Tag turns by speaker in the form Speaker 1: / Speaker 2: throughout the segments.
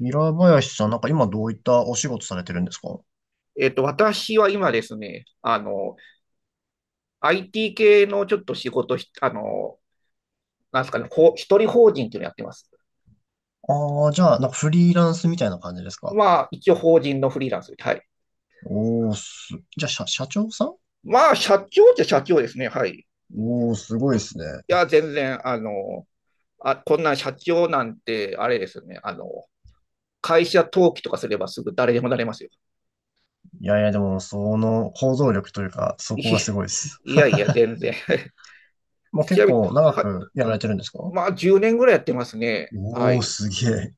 Speaker 1: ミラー林さん、なんか今どういったお仕事されてるんですか？
Speaker 2: 私は今ですね、IT 系のちょっと仕事なんですかね、一人法人っていうのやってます。
Speaker 1: ああー、じゃあ、なんかフリーランスみたいな感じですか？
Speaker 2: まあ、一応法人のフリーランスで、はい。
Speaker 1: おー、じゃあ、社長さん。
Speaker 2: まあ、社長っちゃ社長ですね、はい。い
Speaker 1: おー、すごいですね。
Speaker 2: や、全然、あ、こんな社長なんて、あれですよね、会社登記とかすればすぐ誰でもなれますよ。
Speaker 1: いやいや、でも、その、行動力というか、そ
Speaker 2: い
Speaker 1: こがすごいです。
Speaker 2: いやいや、全然。
Speaker 1: もう
Speaker 2: ち
Speaker 1: 結
Speaker 2: なみに、
Speaker 1: 構長
Speaker 2: はい。
Speaker 1: くやられてるんですか？
Speaker 2: まあ、10年ぐらいやってますね。は
Speaker 1: おー、
Speaker 2: い。
Speaker 1: すげえ。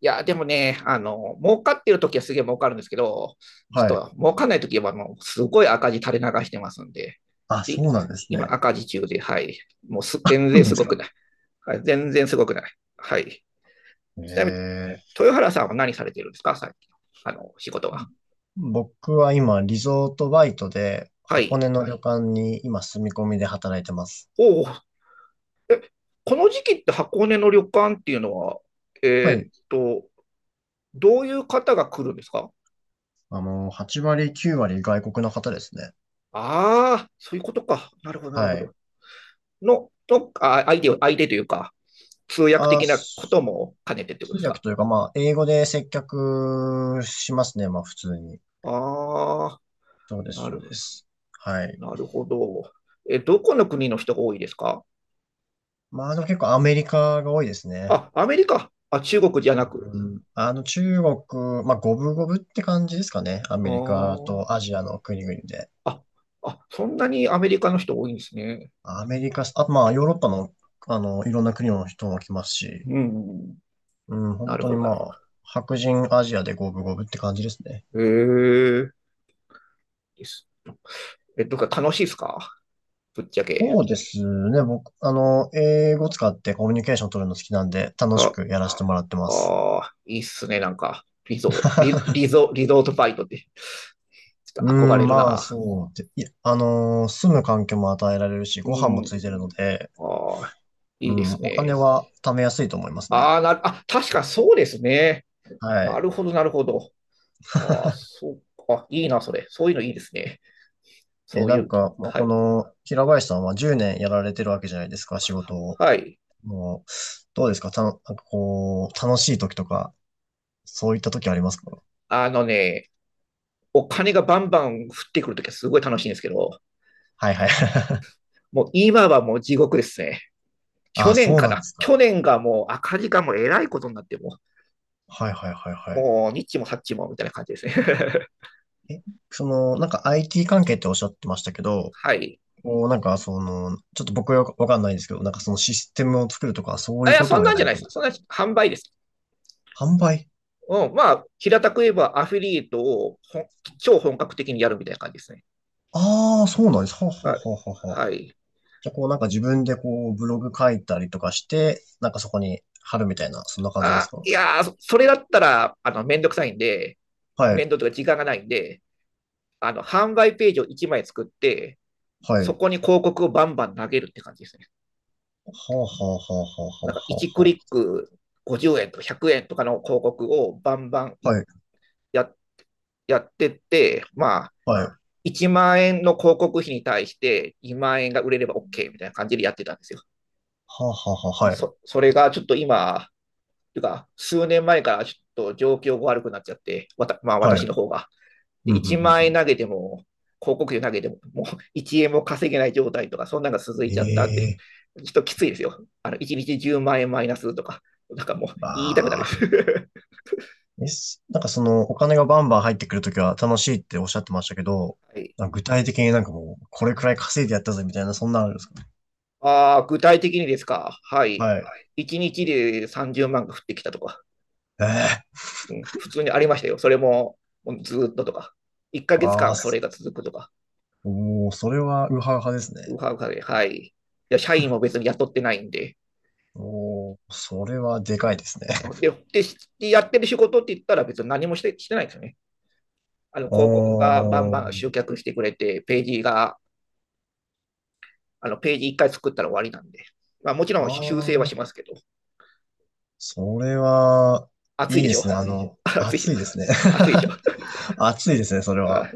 Speaker 2: いや、でもね、儲かってる時はすげえ儲かるんですけど、ちょっ
Speaker 1: はい。
Speaker 2: と儲かんない時はもうすごい赤字垂れ流してますんで、
Speaker 1: あ、そ
Speaker 2: で
Speaker 1: うなんです
Speaker 2: 今
Speaker 1: ね。
Speaker 2: 赤字中で、はい。もうす全
Speaker 1: そう
Speaker 2: 然
Speaker 1: なん
Speaker 2: す
Speaker 1: です
Speaker 2: ご
Speaker 1: か。
Speaker 2: くない。はい、全然すごくない。はい。
Speaker 1: え
Speaker 2: ちなみに、
Speaker 1: え。
Speaker 2: 豊原さんは何されてるんですか最近。あの、仕事は。
Speaker 1: 僕は今、リゾートバイトで、
Speaker 2: は
Speaker 1: 箱
Speaker 2: い。
Speaker 1: 根の旅館に今、住み込みで働いてます。
Speaker 2: おお、この時期って箱根の旅館っていうのは、
Speaker 1: は
Speaker 2: えー、っ
Speaker 1: い。
Speaker 2: と、どういう方が来るんですか？
Speaker 1: 8割、9割外国の方ですね。
Speaker 2: ああ、そういうことか。なるほど、なるほ
Speaker 1: はい。
Speaker 2: ど。の、のあ相手を、相手というか、通訳
Speaker 1: あ、
Speaker 2: 的なことも兼ねてってこと
Speaker 1: 通
Speaker 2: です
Speaker 1: 訳
Speaker 2: か？
Speaker 1: というか、まあ、英語で接客しますね。まあ、普通に。
Speaker 2: ああ、
Speaker 1: そうです、
Speaker 2: な
Speaker 1: そう
Speaker 2: る、
Speaker 1: です。はい。
Speaker 2: なるほど。え、どこの国の人が多いですか？
Speaker 1: まあ、でも結構アメリカが多いですね。
Speaker 2: あ、アメリカ。あ、中国じゃなく。
Speaker 1: うん。中国、まあ、五分五分って感じですかね。ア
Speaker 2: あ
Speaker 1: メリカ
Speaker 2: ー、
Speaker 1: とアジアの国々で。
Speaker 2: あ、あ、そんなにアメリカの人多いんですね。
Speaker 1: アメリカ、あとまあ、ヨーロッパの、いろんな国の人も来ますし、
Speaker 2: うん。
Speaker 1: うん、
Speaker 2: な
Speaker 1: 本
Speaker 2: る
Speaker 1: 当
Speaker 2: ほ
Speaker 1: に
Speaker 2: ど、な
Speaker 1: ま
Speaker 2: るほ
Speaker 1: あ、白人アジアで五分五分って感じですね。
Speaker 2: ど。へえ。です。え、とか楽しいですか？ぶっちゃけ。
Speaker 1: そうですね。僕、あの、英語使ってコミュニケーション取るの好きなんで、楽し
Speaker 2: は、
Speaker 1: くやらせてもらってます。
Speaker 2: ああ、いいっすね、なんか。リゾートバイトって。ちょっ
Speaker 1: う
Speaker 2: と憧れ
Speaker 1: ん、
Speaker 2: る
Speaker 1: まあ、
Speaker 2: な。
Speaker 1: そうで。いや、住む環境も与えられるし、
Speaker 2: う
Speaker 1: ご飯も
Speaker 2: ん。
Speaker 1: ついてるので、
Speaker 2: ああ、
Speaker 1: う
Speaker 2: いいで
Speaker 1: ん、
Speaker 2: す
Speaker 1: お金
Speaker 2: ね。
Speaker 1: は貯めやすいと思いますね。
Speaker 2: ああ、あ、確かそうですね。
Speaker 1: は
Speaker 2: な
Speaker 1: い。
Speaker 2: るほど、なるほど。ああ、そうか。いいな、それ。そういうのいいですね。そ
Speaker 1: え、
Speaker 2: う
Speaker 1: な
Speaker 2: い
Speaker 1: ん
Speaker 2: う、
Speaker 1: か、まあ、
Speaker 2: は
Speaker 1: こ
Speaker 2: い。
Speaker 1: の、平林さんは10年やられてるわけじゃないですか、仕事を。
Speaker 2: はい。
Speaker 1: もう、どうですかたの、なんかこう、楽しい時とか、そういった時ありますか？
Speaker 2: あのね、お金がバンバン降ってくるときはすごい楽しいんですけど、
Speaker 1: はいはい。
Speaker 2: もう今はもう地獄ですね。去
Speaker 1: あ、
Speaker 2: 年
Speaker 1: そう
Speaker 2: か
Speaker 1: なんで
Speaker 2: な。
Speaker 1: すか。
Speaker 2: 去年がもう赤字がもうえらいことになって
Speaker 1: はいはいはいはい。
Speaker 2: もうニッもサっちもみたいな感じですね。
Speaker 1: え、その、なんか IT 関係っておっしゃってましたけど、
Speaker 2: はい。
Speaker 1: こう、なんかその、ちょっと僕はわかんないんですけど、なんかそのシステムを作るとか、そうい
Speaker 2: あ、い
Speaker 1: う
Speaker 2: や、
Speaker 1: こと
Speaker 2: そん
Speaker 1: をや
Speaker 2: なん
Speaker 1: ら
Speaker 2: じゃ
Speaker 1: れ
Speaker 2: な
Speaker 1: て
Speaker 2: い
Speaker 1: る
Speaker 2: で
Speaker 1: ん
Speaker 2: す。
Speaker 1: です
Speaker 2: そん
Speaker 1: か？
Speaker 2: な販売です。
Speaker 1: 販売。
Speaker 2: うん、まあ、平たく言えばアフィリエイトを超本格的にやるみたいな感じですね。
Speaker 1: ああー、そうなんです。はは
Speaker 2: はい。
Speaker 1: ははは。
Speaker 2: はい、
Speaker 1: じゃあ、こうなんか自分でこう、ブログ書いたりとかして、なんかそこに貼るみたいな、そんな感じです
Speaker 2: あ、
Speaker 1: か？
Speaker 2: いやー、それだったら、めんどくさいんで、
Speaker 1: は
Speaker 2: 面
Speaker 1: い、
Speaker 2: 倒とか時間がないんで、販売ページを1枚作って、
Speaker 1: は
Speaker 2: そ
Speaker 1: い。
Speaker 2: こに広告をバンバン投げるって感じですね。
Speaker 1: はあはあはあはあは
Speaker 2: なんか
Speaker 1: あ
Speaker 2: 1クリ
Speaker 1: は
Speaker 2: ック50円とか100円とかの広告をバンバン
Speaker 1: あ。はい、
Speaker 2: ややってって、まあ、
Speaker 1: はい。
Speaker 2: 1万円の広告費に対して2万円が売れれば OK みたいな感じでやってたんですよ。
Speaker 1: はあはあはあ、はい。
Speaker 2: それがちょっと今、というか、数年前からちょっと状況が悪くなっちゃって、まあ、
Speaker 1: は
Speaker 2: 私の
Speaker 1: い。
Speaker 2: 方が。で、
Speaker 1: うん、うん、
Speaker 2: 1
Speaker 1: うん。
Speaker 2: 万
Speaker 1: う
Speaker 2: 円投
Speaker 1: ん。
Speaker 2: げても、広告費投げても、もう1円も稼げない状態とか、そんなのが続いちゃったって、ち
Speaker 1: ええ。
Speaker 2: ょっときついですよ。あの、1日10万円マイナスとか、なんかもう
Speaker 1: ー、
Speaker 2: 言いたくな
Speaker 1: ま
Speaker 2: るです。
Speaker 1: あ。えすなんかそのお金がバンバン入ってくるときは楽しいっておっしゃってましたけど、
Speaker 2: はい。
Speaker 1: なんか具体的になんかもうこれくらい稼いでやったぜみたいなそんなのあるんですか？
Speaker 2: あ、具体的にですか。はい。
Speaker 1: はい。
Speaker 2: 1日で30万が降ってきたとか、
Speaker 1: ええ。
Speaker 2: うん、普通にありましたよ。それも、ずっととか、1ヶ
Speaker 1: あ
Speaker 2: 月
Speaker 1: あー、
Speaker 2: 間それが続くとか。
Speaker 1: おー、それはウハウハですね。
Speaker 2: ウハウハで、はい。いや、社員も別に雇ってないんで。
Speaker 1: おー、それはでかいですね。
Speaker 2: うん、でやってる仕事って言ったら別に何もしてないですよね。あの
Speaker 1: お
Speaker 2: 広告がバンバン
Speaker 1: ー、
Speaker 2: 集客してくれて、ページが、あのページ1回作ったら終わりなんで。まあ、もちろ
Speaker 1: あ
Speaker 2: ん修正は
Speaker 1: あ、
Speaker 2: しますけど、
Speaker 1: それは、
Speaker 2: 暑い
Speaker 1: いい
Speaker 2: で
Speaker 1: で
Speaker 2: し
Speaker 1: す
Speaker 2: ょ？
Speaker 1: ね。
Speaker 2: 暑いでし
Speaker 1: 暑
Speaker 2: ょ？
Speaker 1: いですね。
Speaker 2: 暑いでしょ？
Speaker 1: 暑いですね、それは。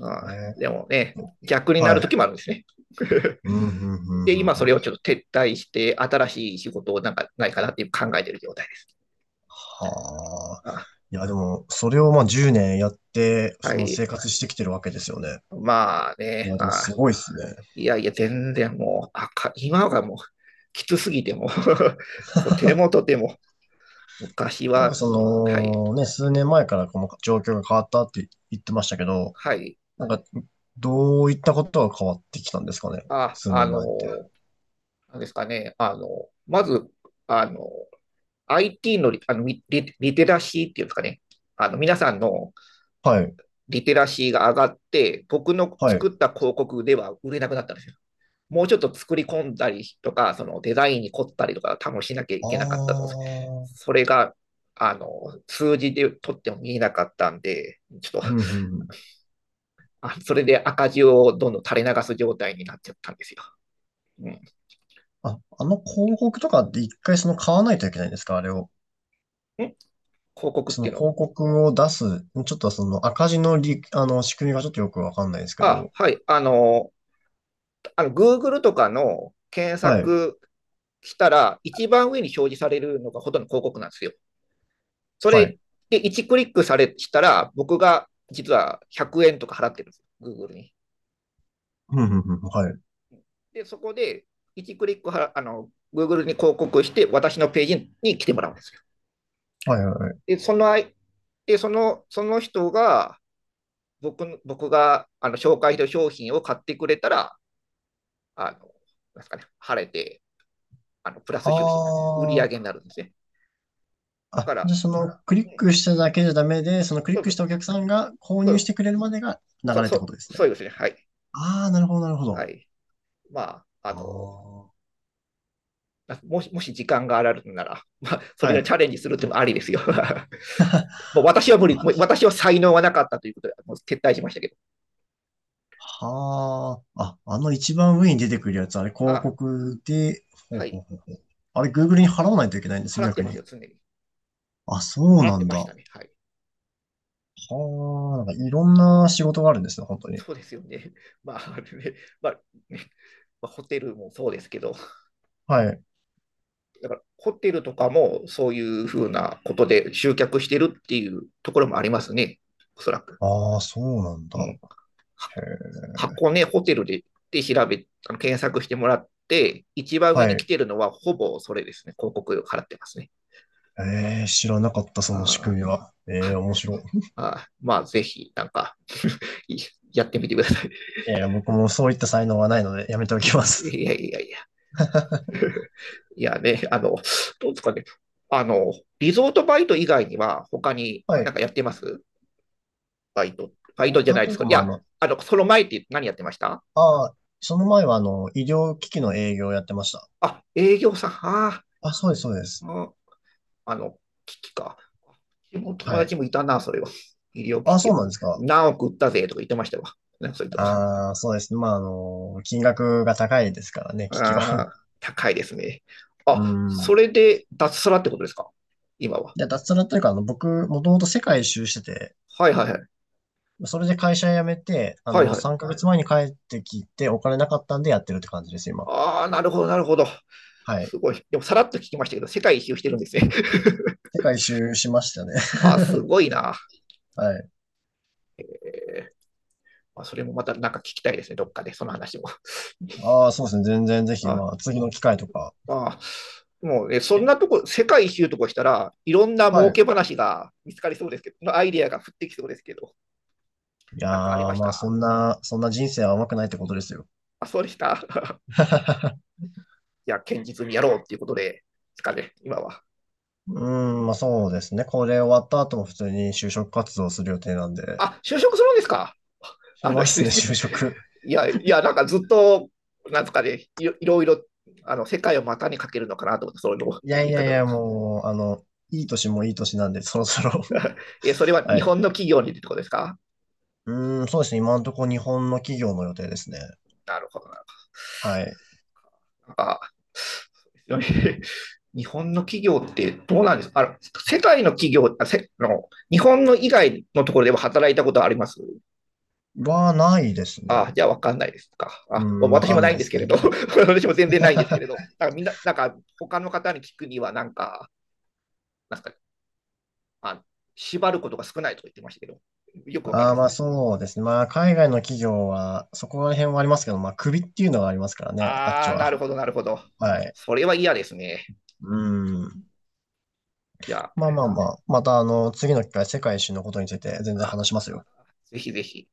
Speaker 2: あ
Speaker 1: え
Speaker 2: あ
Speaker 1: ー。
Speaker 2: でもね、逆になる
Speaker 1: はい。
Speaker 2: 時もあるんですね。
Speaker 1: うん、うん、うん、
Speaker 2: で、
Speaker 1: うん。う
Speaker 2: 今それを
Speaker 1: ん。
Speaker 2: ちょっと撤退して、新しい仕事をなんかないかなって考えてる状態です。
Speaker 1: はあ。
Speaker 2: あ、
Speaker 1: いや、でも、それをまあ10年やって、
Speaker 2: は
Speaker 1: その
Speaker 2: い。
Speaker 1: 生活してきてるわけですよね。
Speaker 2: まあ
Speaker 1: い
Speaker 2: ね
Speaker 1: や、でもすごいっすね。
Speaker 2: いやいや、全然もう、今がもう、きつすぎても とてもとても、昔
Speaker 1: なんか
Speaker 2: は、
Speaker 1: そ
Speaker 2: はい、
Speaker 1: の、ね、数年前からこの状況が変わったって言ってましたけど、
Speaker 2: はい、
Speaker 1: なんか、どういったことが変わってきたんですかね。
Speaker 2: あ、
Speaker 1: 数
Speaker 2: あ
Speaker 1: 年
Speaker 2: の
Speaker 1: 前って。
Speaker 2: ーなんですかね、まず、あの IT のリリテラシーっていうんですかね、あの皆さんの
Speaker 1: はい、
Speaker 2: リテラシーが上がって、僕の
Speaker 1: は
Speaker 2: 作っ
Speaker 1: い。
Speaker 2: た広告では売れなくなったんですよ。もうちょっと作り込んだりとか、そのデザインに凝ったりとか、多分しなきゃい
Speaker 1: あ
Speaker 2: けなかったと思うんです。
Speaker 1: あ、
Speaker 2: それが、あの、数字で取っても見えなかったんで、ちょっ
Speaker 1: う
Speaker 2: と、
Speaker 1: んうんうん。
Speaker 2: それで赤字をどんどん垂れ流す状態になっちゃったんですよ。うん。ん、
Speaker 1: あ、あの広告とかって一回その買わないといけないんですか、あれを。
Speaker 2: 広告っ
Speaker 1: そ
Speaker 2: て
Speaker 1: の
Speaker 2: いうの
Speaker 1: 広告を出す、ちょっとその赤字のり、あの仕組みがちょっとよくわかんないですけ
Speaker 2: あ、
Speaker 1: ど。
Speaker 2: はい。あの Google とかの検
Speaker 1: はい。
Speaker 2: 索したら、一番上に表示されるのがほとんど広告なんですよ。そ
Speaker 1: は
Speaker 2: れ
Speaker 1: い。
Speaker 2: で1クリックされしたら、僕が実は100円とか払ってるんですよ。Google に。
Speaker 1: うん、うん、うん。はい。
Speaker 2: で、そこで1クリックはあの Google に広告して、私のページに来てもらうんですよ。
Speaker 1: はいはいはい。
Speaker 2: で、そのあいで、そのその人が僕があの紹介した商品を買ってくれたら、あのなんですかね、晴れてあのプラ
Speaker 1: あ
Speaker 2: ス収支、売り上
Speaker 1: ー。
Speaker 2: げになるんですね。だ
Speaker 1: あ、
Speaker 2: から、
Speaker 1: じゃあそのクリ
Speaker 2: う
Speaker 1: ッ
Speaker 2: ん、
Speaker 1: クしただけじゃダメで、そのクリ
Speaker 2: そ
Speaker 1: ックし
Speaker 2: う
Speaker 1: たお客さんが購
Speaker 2: そ
Speaker 1: 入し
Speaker 2: う
Speaker 1: てくれるまでが流
Speaker 2: そう
Speaker 1: れっ
Speaker 2: そ
Speaker 1: てこと
Speaker 2: う
Speaker 1: ですね。
Speaker 2: そうですね。はい。
Speaker 1: ああ、なるほど、なるほど。
Speaker 2: はい。まあ、あ
Speaker 1: あ
Speaker 2: の、
Speaker 1: あ。
Speaker 2: もし時間があるなら、まあ、そ
Speaker 1: は
Speaker 2: れをチャ
Speaker 1: い。
Speaker 2: レンジするってもありですよ。もう私は無理、もう
Speaker 1: あ
Speaker 2: 私は才能はなかったということで、もう撤退しましたけど、
Speaker 1: はあ。あ、あの一番上に出てくるやつ、あれ広
Speaker 2: あ、
Speaker 1: 告で、ほ
Speaker 2: は
Speaker 1: うほう
Speaker 2: い、
Speaker 1: ほうほう。あれ Google に払わないといけないんです、
Speaker 2: 払って
Speaker 1: 逆
Speaker 2: ますよ、
Speaker 1: に。
Speaker 2: 常に。
Speaker 1: あ、そう
Speaker 2: 払っ
Speaker 1: な
Speaker 2: て
Speaker 1: ん
Speaker 2: ま
Speaker 1: だ。
Speaker 2: した
Speaker 1: は
Speaker 2: ね、はい。
Speaker 1: あ。なんかいろんな仕事があるんですね、本当に。
Speaker 2: そうですよね。まあ、ね、まあ、ね、まあ、ホテルもそうですけど、
Speaker 1: はい。
Speaker 2: だからホテルとかもそういうふうなことで集客してるっていうところもありますね、おそらく。
Speaker 1: ああ、そうなんだ。
Speaker 2: うん、
Speaker 1: へえ。
Speaker 2: 箱根、ね、ホテルでで調べ、あの検索してもらって、一番上
Speaker 1: は
Speaker 2: に来
Speaker 1: い。
Speaker 2: てるのはほぼそれですね、広告を払ってますね。
Speaker 1: えー、知らなかった、その仕
Speaker 2: あ
Speaker 1: 組みは。え
Speaker 2: あ
Speaker 1: ー、面白い。い
Speaker 2: あ、まあ、ぜひ、なんか やってみてください。
Speaker 1: やいや、僕もそういった才能はないので、やめて おき
Speaker 2: い
Speaker 1: ます。
Speaker 2: やいやいや。いやね、どうですかね。あの、リゾートバイト以外には、他に
Speaker 1: は
Speaker 2: なんか
Speaker 1: い。
Speaker 2: やってます？バイト。バイトじゃ
Speaker 1: 他
Speaker 2: ないで
Speaker 1: とい
Speaker 2: す
Speaker 1: うか、
Speaker 2: か。い
Speaker 1: まあ、
Speaker 2: や、その前って何やってました？
Speaker 1: ああ、その前は、医療機器の営業をやってました。
Speaker 2: あ、営業さん。あ
Speaker 1: あ、そうです、そうです。
Speaker 2: ー、の、機器か。うちの友
Speaker 1: はい。
Speaker 2: 達もいたな、それは。医療機
Speaker 1: あ、
Speaker 2: 器
Speaker 1: そ
Speaker 2: を。
Speaker 1: うなんですか。
Speaker 2: 何億売ったぜとか言ってましたわ。なんかそれと
Speaker 1: ああ、そうですね。まあ、金額が高いですからね、機器
Speaker 2: あ
Speaker 1: は。
Speaker 2: あ、高いですね。あ、
Speaker 1: う
Speaker 2: そ
Speaker 1: ん。
Speaker 2: れで脱サラってことですか？今は。
Speaker 1: で、脱サラというか、僕、もともと世界一周してて、
Speaker 2: はいはいはい。
Speaker 1: それで会社辞めて、
Speaker 2: はいはい。
Speaker 1: 3ヶ月前に帰ってきて、お金なかったんでやってるって感じです、今。
Speaker 2: ああ、なるほど、なるほど。
Speaker 1: はい。
Speaker 2: すごい。でもさらっと聞きましたけど、世界一周してるんですね。
Speaker 1: 世界一周しましたね。
Speaker 2: ああ、す ごいな。
Speaker 1: はい。
Speaker 2: えー、まあ、それもまたなんか聞きたいですね、どっかで、その話も。
Speaker 1: ああ、そうですね。全然ぜひ、
Speaker 2: あ
Speaker 1: まあ、次の機会とか。
Speaker 2: あ、もうね、そん
Speaker 1: え。
Speaker 2: なとこ、世界一周とかしたらいろんな
Speaker 1: は
Speaker 2: 儲
Speaker 1: い。
Speaker 2: け話が見つかりそうですけど、アイデアが降ってきそうですけど、
Speaker 1: いや
Speaker 2: なんかありま
Speaker 1: ー、
Speaker 2: し
Speaker 1: まあ、そ
Speaker 2: た？
Speaker 1: んな、そんな人生は甘くないってことですよ。
Speaker 2: あ、そうでした。いや、堅実にやろうっていうことで、ですかね、今は。
Speaker 1: うーん、まあ、そうですね。これ終わった後も普通に就職活動する予定なんで、
Speaker 2: あ、就職するんですか？
Speaker 1: し
Speaker 2: あの、
Speaker 1: ま
Speaker 2: 失
Speaker 1: す
Speaker 2: 礼で
Speaker 1: ね、
Speaker 2: すけど。
Speaker 1: 就職。
Speaker 2: いや、いや、なんかずっと、なんですかね、いろいろいろ、あの、世界を股にかけるのかなと思って、そういうの
Speaker 1: いやい
Speaker 2: 言い
Speaker 1: やい
Speaker 2: 方だっ
Speaker 1: や、
Speaker 2: た。
Speaker 1: もう、いい年もいい年なんで、そろそろ。
Speaker 2: え、それ は日
Speaker 1: はい。
Speaker 2: 本の企業にってことですか？
Speaker 1: うーん、そうですね。今のところ日本の企業の予定ですね。
Speaker 2: なるほどな。
Speaker 1: はい。
Speaker 2: あ、日本の企業ってどうなんですか？あの、世界の企業あせの、日本の以外のところでも働いたことはあります？
Speaker 1: ないです
Speaker 2: あ、
Speaker 1: ね。
Speaker 2: じゃあ分かんないですか。
Speaker 1: う
Speaker 2: あ、
Speaker 1: ん、わ
Speaker 2: 私
Speaker 1: か
Speaker 2: も
Speaker 1: ん
Speaker 2: ない
Speaker 1: ない
Speaker 2: ん
Speaker 1: で
Speaker 2: です
Speaker 1: す
Speaker 2: けれど、
Speaker 1: ね。
Speaker 2: 私も全然ないんですけれ ど、なんかみんな、なんか他の方に聞くには、なんか、なんかね、まあ縛ることが少ないと言ってましたけど、よくわかん
Speaker 1: あ
Speaker 2: ない
Speaker 1: あ、
Speaker 2: です
Speaker 1: まあ
Speaker 2: ね。
Speaker 1: そうですね。まあ海外の企業は、そこら辺はありますけど、まあ首っていうのがありますからね、あっち
Speaker 2: あー、なる
Speaker 1: は。
Speaker 2: ほど、なるほど。
Speaker 1: はい。
Speaker 2: それは嫌ですね。
Speaker 1: うん。
Speaker 2: じゃあ、
Speaker 1: まあまあまあ、また次の機会、世界一周のことについて全然
Speaker 2: あ、
Speaker 1: 話しますよ。
Speaker 2: ぜひぜひ。